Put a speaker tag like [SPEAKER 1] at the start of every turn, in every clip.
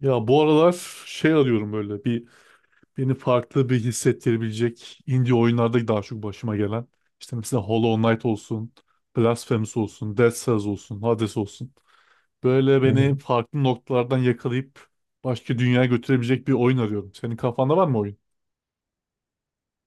[SPEAKER 1] Ya bu aralar şey arıyorum, böyle bir beni farklı bir hissettirebilecek, indie oyunlarda daha çok başıma gelen. İşte mesela Hollow Knight olsun, Blasphemous olsun, Dead Cells olsun, Hades olsun. Böyle
[SPEAKER 2] Hı
[SPEAKER 1] beni
[SPEAKER 2] hı.
[SPEAKER 1] farklı noktalardan yakalayıp başka dünyaya götürebilecek bir oyun arıyorum. Senin kafanda var mı oyun?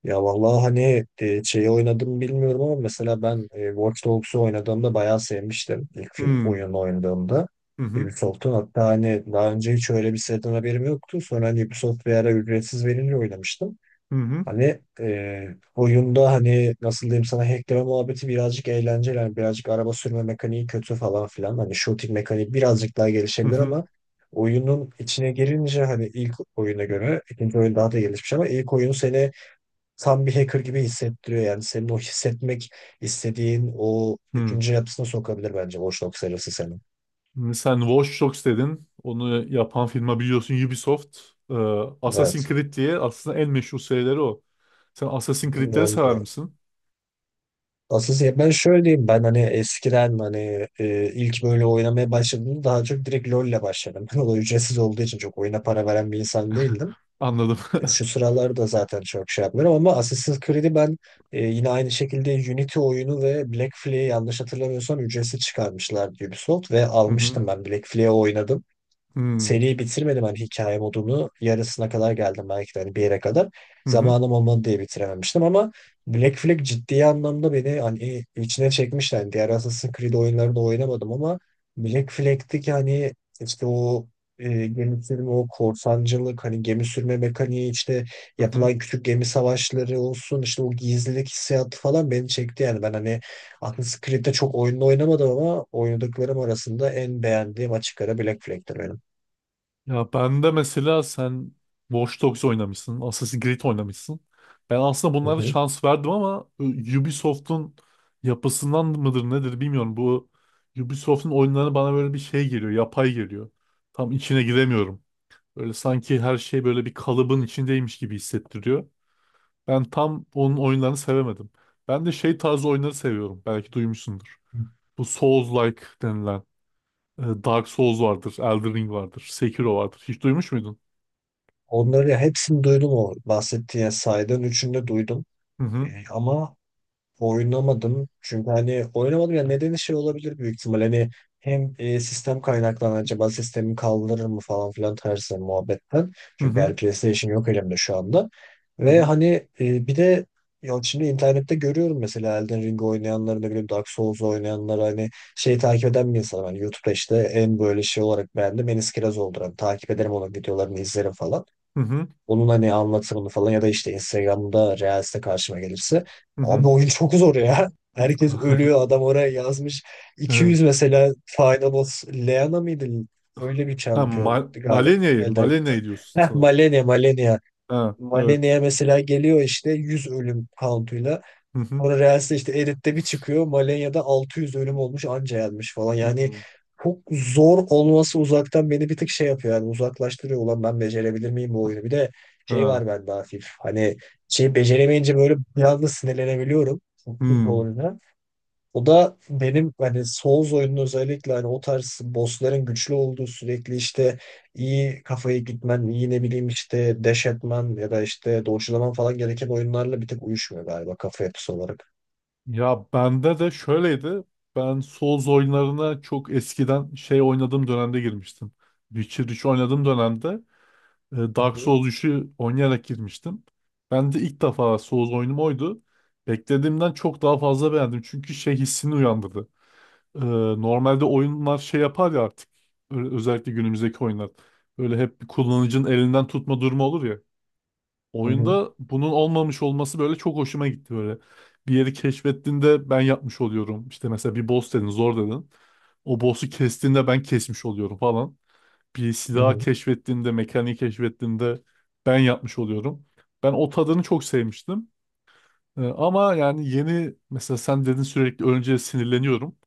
[SPEAKER 2] Ya vallahi hani şeyi oynadım bilmiyorum ama mesela ben Watch Dogs'u oynadığımda bayağı sevmiştim
[SPEAKER 1] Hmm.
[SPEAKER 2] oyunu oynadığımda.
[SPEAKER 1] Hı hı.
[SPEAKER 2] Ubisoft'un hatta hani daha önce hiç öyle bir siteden haberim yoktu. Sonra hani Ubisoft bir ara ücretsiz verince oynamıştım.
[SPEAKER 1] Hı hı.
[SPEAKER 2] Hani oyunda hani nasıl diyeyim sana, hackleme muhabbeti birazcık eğlenceli. Hani birazcık araba sürme mekaniği kötü falan filan. Hani shooting mekaniği birazcık daha
[SPEAKER 1] Hı
[SPEAKER 2] gelişebilir
[SPEAKER 1] hı.
[SPEAKER 2] ama oyunun içine girince hani ilk oyuna göre ikinci oyun daha da gelişmiş, ama ilk oyun seni tam bir hacker gibi hissettiriyor. Yani senin o hissetmek istediğin o
[SPEAKER 1] Hı.
[SPEAKER 2] düşünce yapısına sokabilir bence boşluk serisi seni.
[SPEAKER 1] Şimdi sen Watch Dogs dedin. Onu yapan firma biliyorsun Ubisoft. Ee, Assassin's
[SPEAKER 2] Evet.
[SPEAKER 1] Creed diye aslında en meşhur serileri o. Sen Assassin's Creed'leri sever
[SPEAKER 2] Oldu.
[SPEAKER 1] misin?
[SPEAKER 2] Asıl ya ben şöyle diyeyim, ben hani eskiden hani ilk böyle oynamaya başladığımda daha çok direkt LoL ile başladım. Ben o ücretsiz olduğu için çok oyuna para veren bir insan değildim.
[SPEAKER 1] Anladım.
[SPEAKER 2] Şu sıralarda zaten çok şey yapmıyorum ama Assassin's Creed'i ben, yine aynı şekilde Unity oyunu ve Black Flag'i yanlış hatırlamıyorsam ücretsiz çıkarmışlar Ubisoft, ve
[SPEAKER 1] Hı hı.
[SPEAKER 2] almıştım ben Black Flag'i oynadım.
[SPEAKER 1] Hmm.
[SPEAKER 2] Seriyi bitirmedim hani, hikaye modunu. Yarısına kadar geldim belki de hani, bir yere kadar.
[SPEAKER 1] Hı hı.
[SPEAKER 2] Zamanım olmadı diye bitirememiştim ama Black Flag ciddi anlamda beni hani içine çekmişti. Yani diğer Assassin's Creed oyunlarını oynamadım ama Black Flag'teki hani işte o gemi sürme, o korsancılık, hani gemi sürme mekaniği, işte
[SPEAKER 1] Hı hı.
[SPEAKER 2] yapılan küçük gemi savaşları olsun, işte o gizlilik hissiyatı falan beni çekti. Yani ben hani Assassin's Creed'de çok oyunla oynamadım ama oynadıklarım arasında en beğendiğim açık ara Black Flag'tir benim.
[SPEAKER 1] Ya ben de mesela sen Watch Dogs oynamışsın, Assassin's Creed oynamışsın. Ben aslında
[SPEAKER 2] Hı
[SPEAKER 1] bunlara
[SPEAKER 2] hı.
[SPEAKER 1] şans verdim ama Ubisoft'un yapısından mıdır nedir bilmiyorum. Bu Ubisoft'un oyunları bana böyle bir şey geliyor, yapay geliyor. Tam içine giremiyorum. Böyle sanki her şey böyle bir kalıbın içindeymiş gibi hissettiriyor. Ben tam onun oyunlarını sevemedim. Ben de şey tarzı oyunları seviyorum. Belki duymuşsundur. Bu Souls-like denilen. Dark Souls vardır, Elden Ring vardır, Sekiro vardır. Hiç duymuş muydun?
[SPEAKER 2] Onları ya hepsini duydum, o bahsettiğin yani saydığın üçünü de duydum.
[SPEAKER 1] Hı
[SPEAKER 2] E,
[SPEAKER 1] hı.
[SPEAKER 2] ama oynamadım. Çünkü hani oynamadım ya, nedeni şey olabilir büyük ihtimal. Hani hem sistem kaynaklan, acaba sistemi kaldırır mı falan filan tarzı muhabbetten.
[SPEAKER 1] Hı
[SPEAKER 2] Çünkü
[SPEAKER 1] hı.
[SPEAKER 2] her PlayStation yok elimde şu anda.
[SPEAKER 1] Hı
[SPEAKER 2] Ve
[SPEAKER 1] hı.
[SPEAKER 2] hani bir de ya şimdi internette görüyorum mesela Elden Ring oynayanları, ne bileyim Dark Souls oynayanlar, hani şey takip eden bir insanım. Hani YouTube'da işte en böyle şey olarak beğendim Enis Kirazoğlu'dur. Hani takip ederim, onun videolarını izlerim falan.
[SPEAKER 1] Hı hı.
[SPEAKER 2] Onun hani anlatımını falan, ya da işte Instagram'da Reels'te karşıma gelirse.
[SPEAKER 1] Hı
[SPEAKER 2] Abi
[SPEAKER 1] hı.
[SPEAKER 2] oyun çok zor ya. Herkes ölüyor. Adam oraya yazmış.
[SPEAKER 1] Ha,
[SPEAKER 2] 200 mesela, Final Boss Leana mıydı? Öyle bir
[SPEAKER 1] ha,
[SPEAKER 2] şampiyon galiba.
[SPEAKER 1] Malenya'yı,
[SPEAKER 2] Elden gitti.
[SPEAKER 1] Malenya'yı diyorsun
[SPEAKER 2] Heh,
[SPEAKER 1] sanırım.
[SPEAKER 2] Malenia, Malenia.
[SPEAKER 1] Ha, evet.
[SPEAKER 2] Malenia mesela geliyor işte 100 ölüm count'uyla.
[SPEAKER 1] Hı hı.
[SPEAKER 2] Sonra Reels'te işte edit'te bir çıkıyor. Malenya'da 600 ölüm olmuş, anca yenmiş falan.
[SPEAKER 1] Hı
[SPEAKER 2] Yani
[SPEAKER 1] hı.
[SPEAKER 2] çok zor olması uzaktan beni bir tık şey yapıyor. Yani uzaklaştırıyor. Ulan ben becerebilir miyim bu oyunu? Bir de şey
[SPEAKER 1] Ha.
[SPEAKER 2] var bende hafif. Hani şey, beceremeyince böyle biraz da sinirlenebiliyorum. Çünkü
[SPEAKER 1] Hmm.
[SPEAKER 2] oyuna. O da benim hani Souls oyunun, özellikle hani o tarz bossların güçlü olduğu, sürekli işte iyi kafayı gitmen, iyi ne bileyim işte dash etmen ya da işte dodge'laman falan gereken oyunlarla bir tek uyuşmuyor galiba kafa yapısı olarak.
[SPEAKER 1] Ya bende de şöyleydi. Ben Souls oyunlarına çok eskiden şey oynadığım dönemde girmiştim. Witcher 3 oynadığım dönemde
[SPEAKER 2] Hı
[SPEAKER 1] Dark
[SPEAKER 2] hı,
[SPEAKER 1] Souls 3'ü oynayarak girmiştim. Ben de ilk defa Souls oyunum oydu. Beklediğimden çok daha fazla beğendim. Çünkü şey hissini uyandırdı. E, normalde oyunlar şey yapar ya artık. Özellikle günümüzdeki oyunlar. Böyle hep bir kullanıcının elinden tutma durumu olur ya.
[SPEAKER 2] hı hı,
[SPEAKER 1] Oyunda bunun olmamış olması böyle çok hoşuma gitti böyle. Bir yeri keşfettiğinde ben yapmış oluyorum. İşte mesela bir boss dedin, zor dedin. O boss'u kestiğinde ben kesmiş oluyorum falan, bir
[SPEAKER 2] hı
[SPEAKER 1] silah
[SPEAKER 2] hı.
[SPEAKER 1] keşfettiğinde, mekaniği keşfettiğinde ben yapmış oluyorum. Ben o tadını çok sevmiştim. Ama yani yeni mesela sen dedin sürekli önce sinirleniyorum.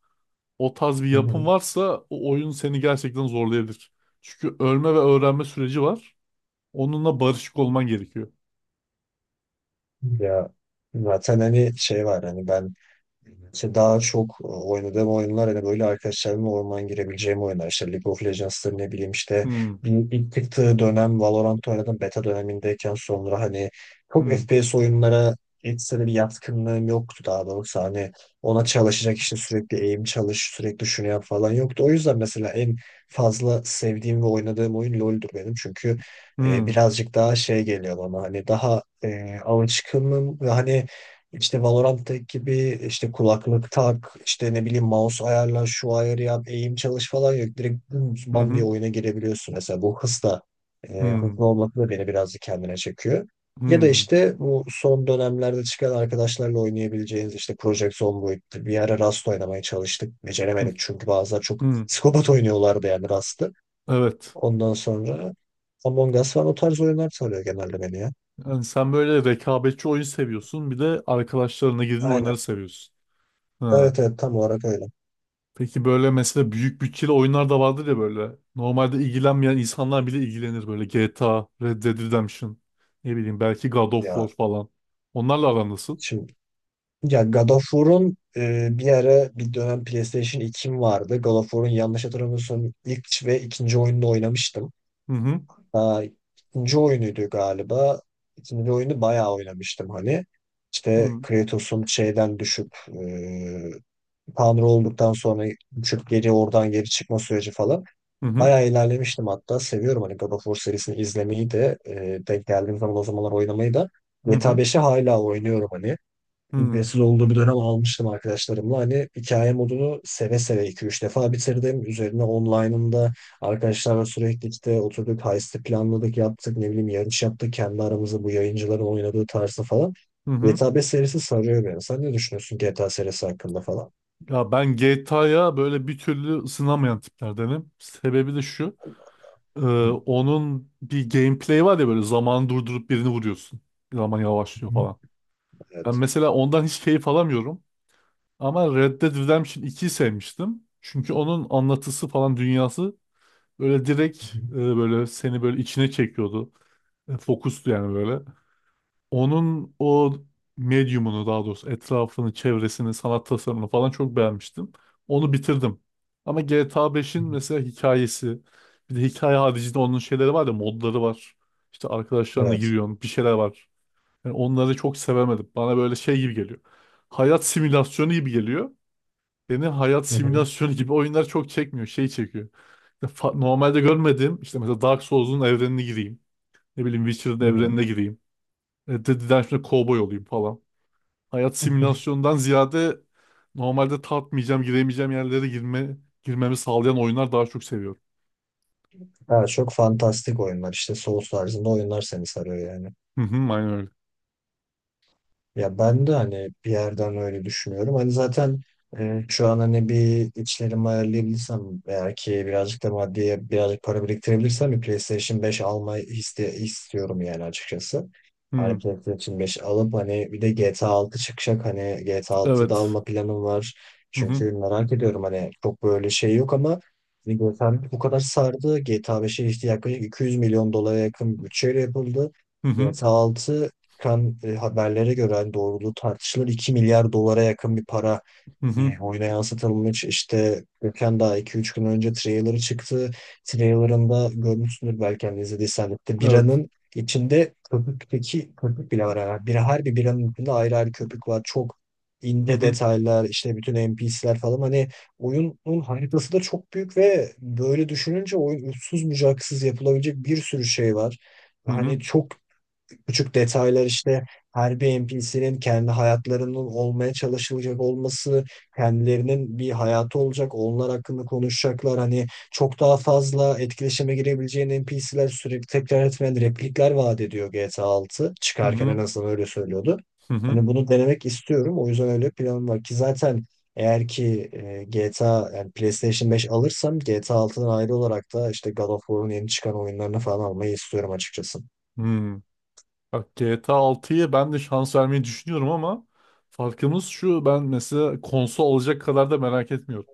[SPEAKER 1] O tarz bir
[SPEAKER 2] Hı
[SPEAKER 1] yapım
[SPEAKER 2] hı.
[SPEAKER 1] varsa o oyun seni gerçekten zorlayabilir. Çünkü ölme ve öğrenme süreci var. Onunla barışık olman gerekiyor.
[SPEAKER 2] Ya zaten hani şey var hani ben, İşte daha çok oynadığım oyunlar hani böyle arkadaşlarımla orman girebileceğim oyunlar. İşte League of Legends'tır, ne bileyim işte,
[SPEAKER 1] Hmm.
[SPEAKER 2] bir ilk çıktığı dönem Valorant oynadım beta dönemindeyken, sonra hani çok
[SPEAKER 1] Hmm.
[SPEAKER 2] FPS oyunlara ekstra bir yatkınlığım yoktu. Daha doğrusu hani ona çalışacak, işte sürekli aim çalış, sürekli şunu yap falan yoktu. O yüzden mesela en fazla sevdiğim ve oynadığım oyun LoL'dur benim, çünkü
[SPEAKER 1] Hmm.
[SPEAKER 2] birazcık daha şey geliyor bana, hani daha alışkınım. Ve hani işte Valorant gibi işte kulaklık tak, işte ne bileyim mouse ayarla, şu ayarı yap, eğim çalış falan yok. Direkt dümdüz
[SPEAKER 1] Hı
[SPEAKER 2] bam
[SPEAKER 1] hı.
[SPEAKER 2] diye oyuna girebiliyorsun. Mesela bu hız da,
[SPEAKER 1] Hmm.
[SPEAKER 2] hızlı olması da beni birazcık kendine çekiyor. Ya da
[SPEAKER 1] Hmm.
[SPEAKER 2] işte bu son dönemlerde çıkan arkadaşlarla oynayabileceğiniz işte Project Zomboid'dir. Bir ara Rust oynamaya çalıştık.
[SPEAKER 1] Hı.
[SPEAKER 2] Beceremedik, çünkü bazılar çok
[SPEAKER 1] Hı.
[SPEAKER 2] psikopat oynuyorlardı yani Rust'ı.
[SPEAKER 1] Evet.
[SPEAKER 2] Ondan sonra Among Us falan o tarz oyunlar sarıyor genelde beni ya.
[SPEAKER 1] Yani sen böyle rekabetçi oyun seviyorsun. Bir de arkadaşlarına girdiğin
[SPEAKER 2] Aynen.
[SPEAKER 1] oyunları seviyorsun. Ha.
[SPEAKER 2] Evet evet, tam olarak öyle.
[SPEAKER 1] Peki böyle mesela büyük bütçeli oyunlar da vardır ya böyle. Normalde ilgilenmeyen insanlar bile ilgilenir böyle. GTA, Red Dead Redemption, ne bileyim belki God of War
[SPEAKER 2] Ya
[SPEAKER 1] falan. Onlarla aran nasıl?
[SPEAKER 2] şimdi Ya God of War'un, bir ara bir dönem PlayStation 2'm vardı. God of War'un yanlış hatırlamıyorsam ilk ve ikinci oyununu oynamıştım.
[SPEAKER 1] Hı hı.
[SPEAKER 2] Daha ikinci oyunuydu galiba. İkinci oyunu bayağı oynamıştım hani. İşte
[SPEAKER 1] Hı
[SPEAKER 2] Kratos'un şeyden düşüp e, Tanrı olduktan sonra düşüp geri oradan geri çıkma süreci falan.
[SPEAKER 1] hı.
[SPEAKER 2] Bayağı ilerlemiştim hatta. Seviyorum hani God of War serisini izlemeyi de, denk geldiğim zaman o zamanlar oynamayı da.
[SPEAKER 1] Hı
[SPEAKER 2] GTA
[SPEAKER 1] hı.
[SPEAKER 2] 5'i hala oynuyorum hani.
[SPEAKER 1] Hı hı.
[SPEAKER 2] Ücretsiz olduğu bir dönem almıştım arkadaşlarımla. Hani hikaye modunu seve seve iki üç defa bitirdim. Üzerine online'ında arkadaşlarla sürekli işte oturduk, heist'i planladık, yaptık, ne bileyim yarış yaptık. Kendi aramızda bu yayıncıların oynadığı tarzda falan.
[SPEAKER 1] Hı.
[SPEAKER 2] GTA 5 serisi sarıyor beni. Sen ne düşünüyorsun GTA serisi hakkında falan?
[SPEAKER 1] Ya ben GTA'ya böyle bir türlü ısınamayan tiplerdenim. Sebebi de şu. e,
[SPEAKER 2] Hı
[SPEAKER 1] onun bir gameplay var ya, böyle zamanı durdurup birini vuruyorsun. Zaman yavaşlıyor
[SPEAKER 2] hı.
[SPEAKER 1] falan. Ben
[SPEAKER 2] Evet.
[SPEAKER 1] mesela ondan hiç keyif alamıyorum. Ama Red Dead Redemption 2'yi sevmiştim. Çünkü onun anlatısı falan dünyası böyle direkt,
[SPEAKER 2] Hı hı.
[SPEAKER 1] böyle seni böyle içine çekiyordu. Fokustu yani böyle. Onun o medyumunu daha doğrusu etrafını, çevresini, sanat tasarımını falan çok beğenmiştim. Onu bitirdim. Ama GTA 5'in mesela hikayesi, bir de hikaye haricinde onun şeyleri var ya, modları var. İşte arkadaşlarına
[SPEAKER 2] Evet.
[SPEAKER 1] giriyorsun, bir şeyler var. Yani onları çok sevemedim. Bana böyle şey gibi geliyor. Hayat simülasyonu gibi geliyor. Beni hayat
[SPEAKER 2] Hı hı.
[SPEAKER 1] simülasyonu gibi oyunlar çok çekmiyor. Şey çekiyor. İşte normalde görmedim. İşte mesela Dark Souls'un evrenine gireyim. Ne bileyim Witcher'ın
[SPEAKER 2] Hı hı.
[SPEAKER 1] evrenine gireyim. Dead şimdi kovboy olayım falan. Hayat simülasyondan ziyade normalde tatmayacağım, giremeyeceğim yerlere girme, girmemi sağlayan oyunlar daha çok seviyorum.
[SPEAKER 2] Evet, çok fantastik oyunlar, işte Souls tarzında oyunlar seni sarıyor yani.
[SPEAKER 1] Hı hı, aynen öyle.
[SPEAKER 2] Ya ben de hani bir yerden öyle düşünüyorum. Hani zaten şu an hani bir içlerimi ayarlayabilirsem, eğer ki birazcık da maddiye, birazcık para biriktirebilirsem, bir PlayStation 5 almayı istiyorum yani açıkçası. Hani
[SPEAKER 1] Hı,
[SPEAKER 2] PlayStation 5 alıp hani bir de GTA 6 çıkacak, hani GTA 6'yı da
[SPEAKER 1] evet.
[SPEAKER 2] alma planım var.
[SPEAKER 1] Hı hı.
[SPEAKER 2] Çünkü merak ediyorum, hani çok böyle şey yok ama hani GTA bu kadar sardı. GTA 5'e işte yaklaşık 200 milyon dolara yakın bütçeyle yapıldı.
[SPEAKER 1] Hı hı.
[SPEAKER 2] GTA 6, çıkan haberlere göre hani, doğruluğu tartışılır, 2 milyar dolara yakın bir para
[SPEAKER 1] Hı hı.
[SPEAKER 2] oyuna yansıtılmış. İşte geçen daha iki üç gün önce trailer'ı çıktı. Trailer'ında görmüşsündür belki hani, izlediysen de, İşte
[SPEAKER 1] Evet.
[SPEAKER 2] biranın içinde köpükteki köpük bile var. Yani bir, her bir biranın içinde ayrı ayrı köpük var. Çok
[SPEAKER 1] Hı
[SPEAKER 2] ince
[SPEAKER 1] hı.
[SPEAKER 2] detaylar, işte bütün NPC'ler falan, hani oyunun haritası da çok büyük. Ve böyle düşününce oyun uçsuz bucaksız, yapılabilecek bir sürü şey var.
[SPEAKER 1] Hı
[SPEAKER 2] Hani
[SPEAKER 1] hı.
[SPEAKER 2] çok küçük detaylar, işte her bir NPC'nin kendi hayatlarının olmaya çalışılacak olması, kendilerinin bir hayatı olacak, onlar hakkında konuşacaklar. Hani çok daha fazla etkileşime girebileceğin NPC'ler, sürekli tekrar etmeyen replikler vaat ediyor GTA 6.
[SPEAKER 1] Hı
[SPEAKER 2] Çıkarken en
[SPEAKER 1] hı.
[SPEAKER 2] azından öyle söylüyordu.
[SPEAKER 1] Hı hı.
[SPEAKER 2] Hani bunu denemek istiyorum. O yüzden öyle planım var ki, zaten eğer ki GTA yani PlayStation 5 alırsam, GTA 6'dan ayrı olarak da işte God of War'un yeni çıkan oyunlarını falan almayı istiyorum açıkçası.
[SPEAKER 1] Hı. Bak GTA 6'yı ben de şans vermeyi düşünüyorum ama farkımız şu, ben mesela konsol alacak kadar da merak etmiyorum.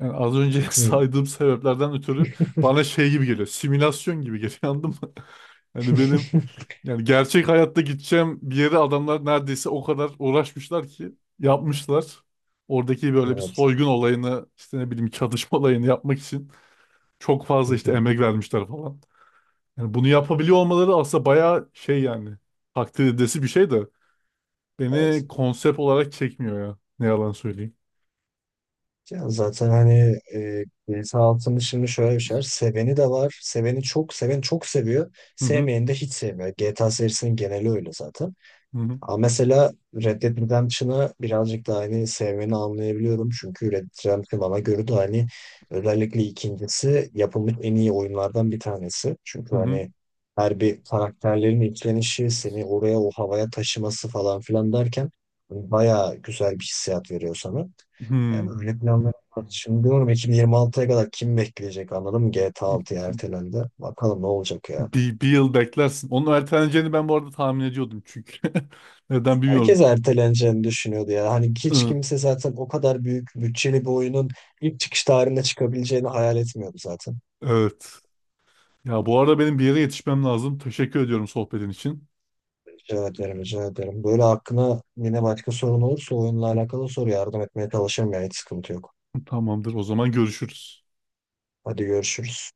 [SPEAKER 1] Yani az önce
[SPEAKER 2] Hmm.
[SPEAKER 1] saydığım sebeplerden ötürü bana şey gibi geliyor. Simülasyon gibi geliyor, anladın mı? Yani benim, yani gerçek hayatta gideceğim bir yere adamlar neredeyse o kadar uğraşmışlar ki yapmışlar. Oradaki böyle bir
[SPEAKER 2] Evet.
[SPEAKER 1] soygun olayını işte ne bileyim çatışma olayını yapmak için çok
[SPEAKER 2] Hı
[SPEAKER 1] fazla işte
[SPEAKER 2] hı.
[SPEAKER 1] emek vermişler falan. Yani bunu yapabiliyor olmaları aslında bayağı şey yani, takdir edilesi bir şey de.
[SPEAKER 2] Evet.
[SPEAKER 1] Beni konsept olarak çekmiyor ya. Ne yalan söyleyeyim.
[SPEAKER 2] Ya zaten hani B 6'nın şimdi şöyle bir şey var. Seveni de var. Seveni çok, seven çok seviyor.
[SPEAKER 1] Hı hı.
[SPEAKER 2] Sevmeyeni de hiç sevmiyor. GTA serisinin geneli öyle zaten.
[SPEAKER 1] Hı hı.
[SPEAKER 2] Ama mesela Red Dead Redemption'ı birazcık daha hani sevmeni anlayabiliyorum. Çünkü Red Dead Redemption bana göre de hani özellikle ikincisi yapılmış en iyi oyunlardan bir tanesi.
[SPEAKER 1] Hı
[SPEAKER 2] Çünkü
[SPEAKER 1] hı.
[SPEAKER 2] hani her bir karakterlerin işlenişi, seni oraya o havaya taşıması falan filan derken hani bayağı güzel bir hissiyat veriyor sana. Yani
[SPEAKER 1] Hı.
[SPEAKER 2] öyle planlar var. Şimdi diyorum 2026'ya kadar kim bekleyecek, anladın mı? GTA 6'ya ertelendi. Bakalım ne olacak ya.
[SPEAKER 1] Bir yıl beklersin. Onun erteleneceğini ben bu arada tahmin ediyordum çünkü. Neden bilmiyorum.
[SPEAKER 2] Herkes erteleneceğini düşünüyordu ya. Hani hiç
[SPEAKER 1] Hı,
[SPEAKER 2] kimse zaten o kadar büyük bütçeli bir oyunun ilk çıkış tarihinde çıkabileceğini hayal etmiyordu zaten.
[SPEAKER 1] evet. Ya bu arada benim bir yere yetişmem lazım. Teşekkür ediyorum sohbetin için.
[SPEAKER 2] Rica ederim, rica ederim. Böyle aklına yine başka sorun olursa, oyunla alakalı soru, yardım etmeye çalışırım ya. Hiç sıkıntı yok.
[SPEAKER 1] Tamamdır. O zaman görüşürüz.
[SPEAKER 2] Hadi görüşürüz.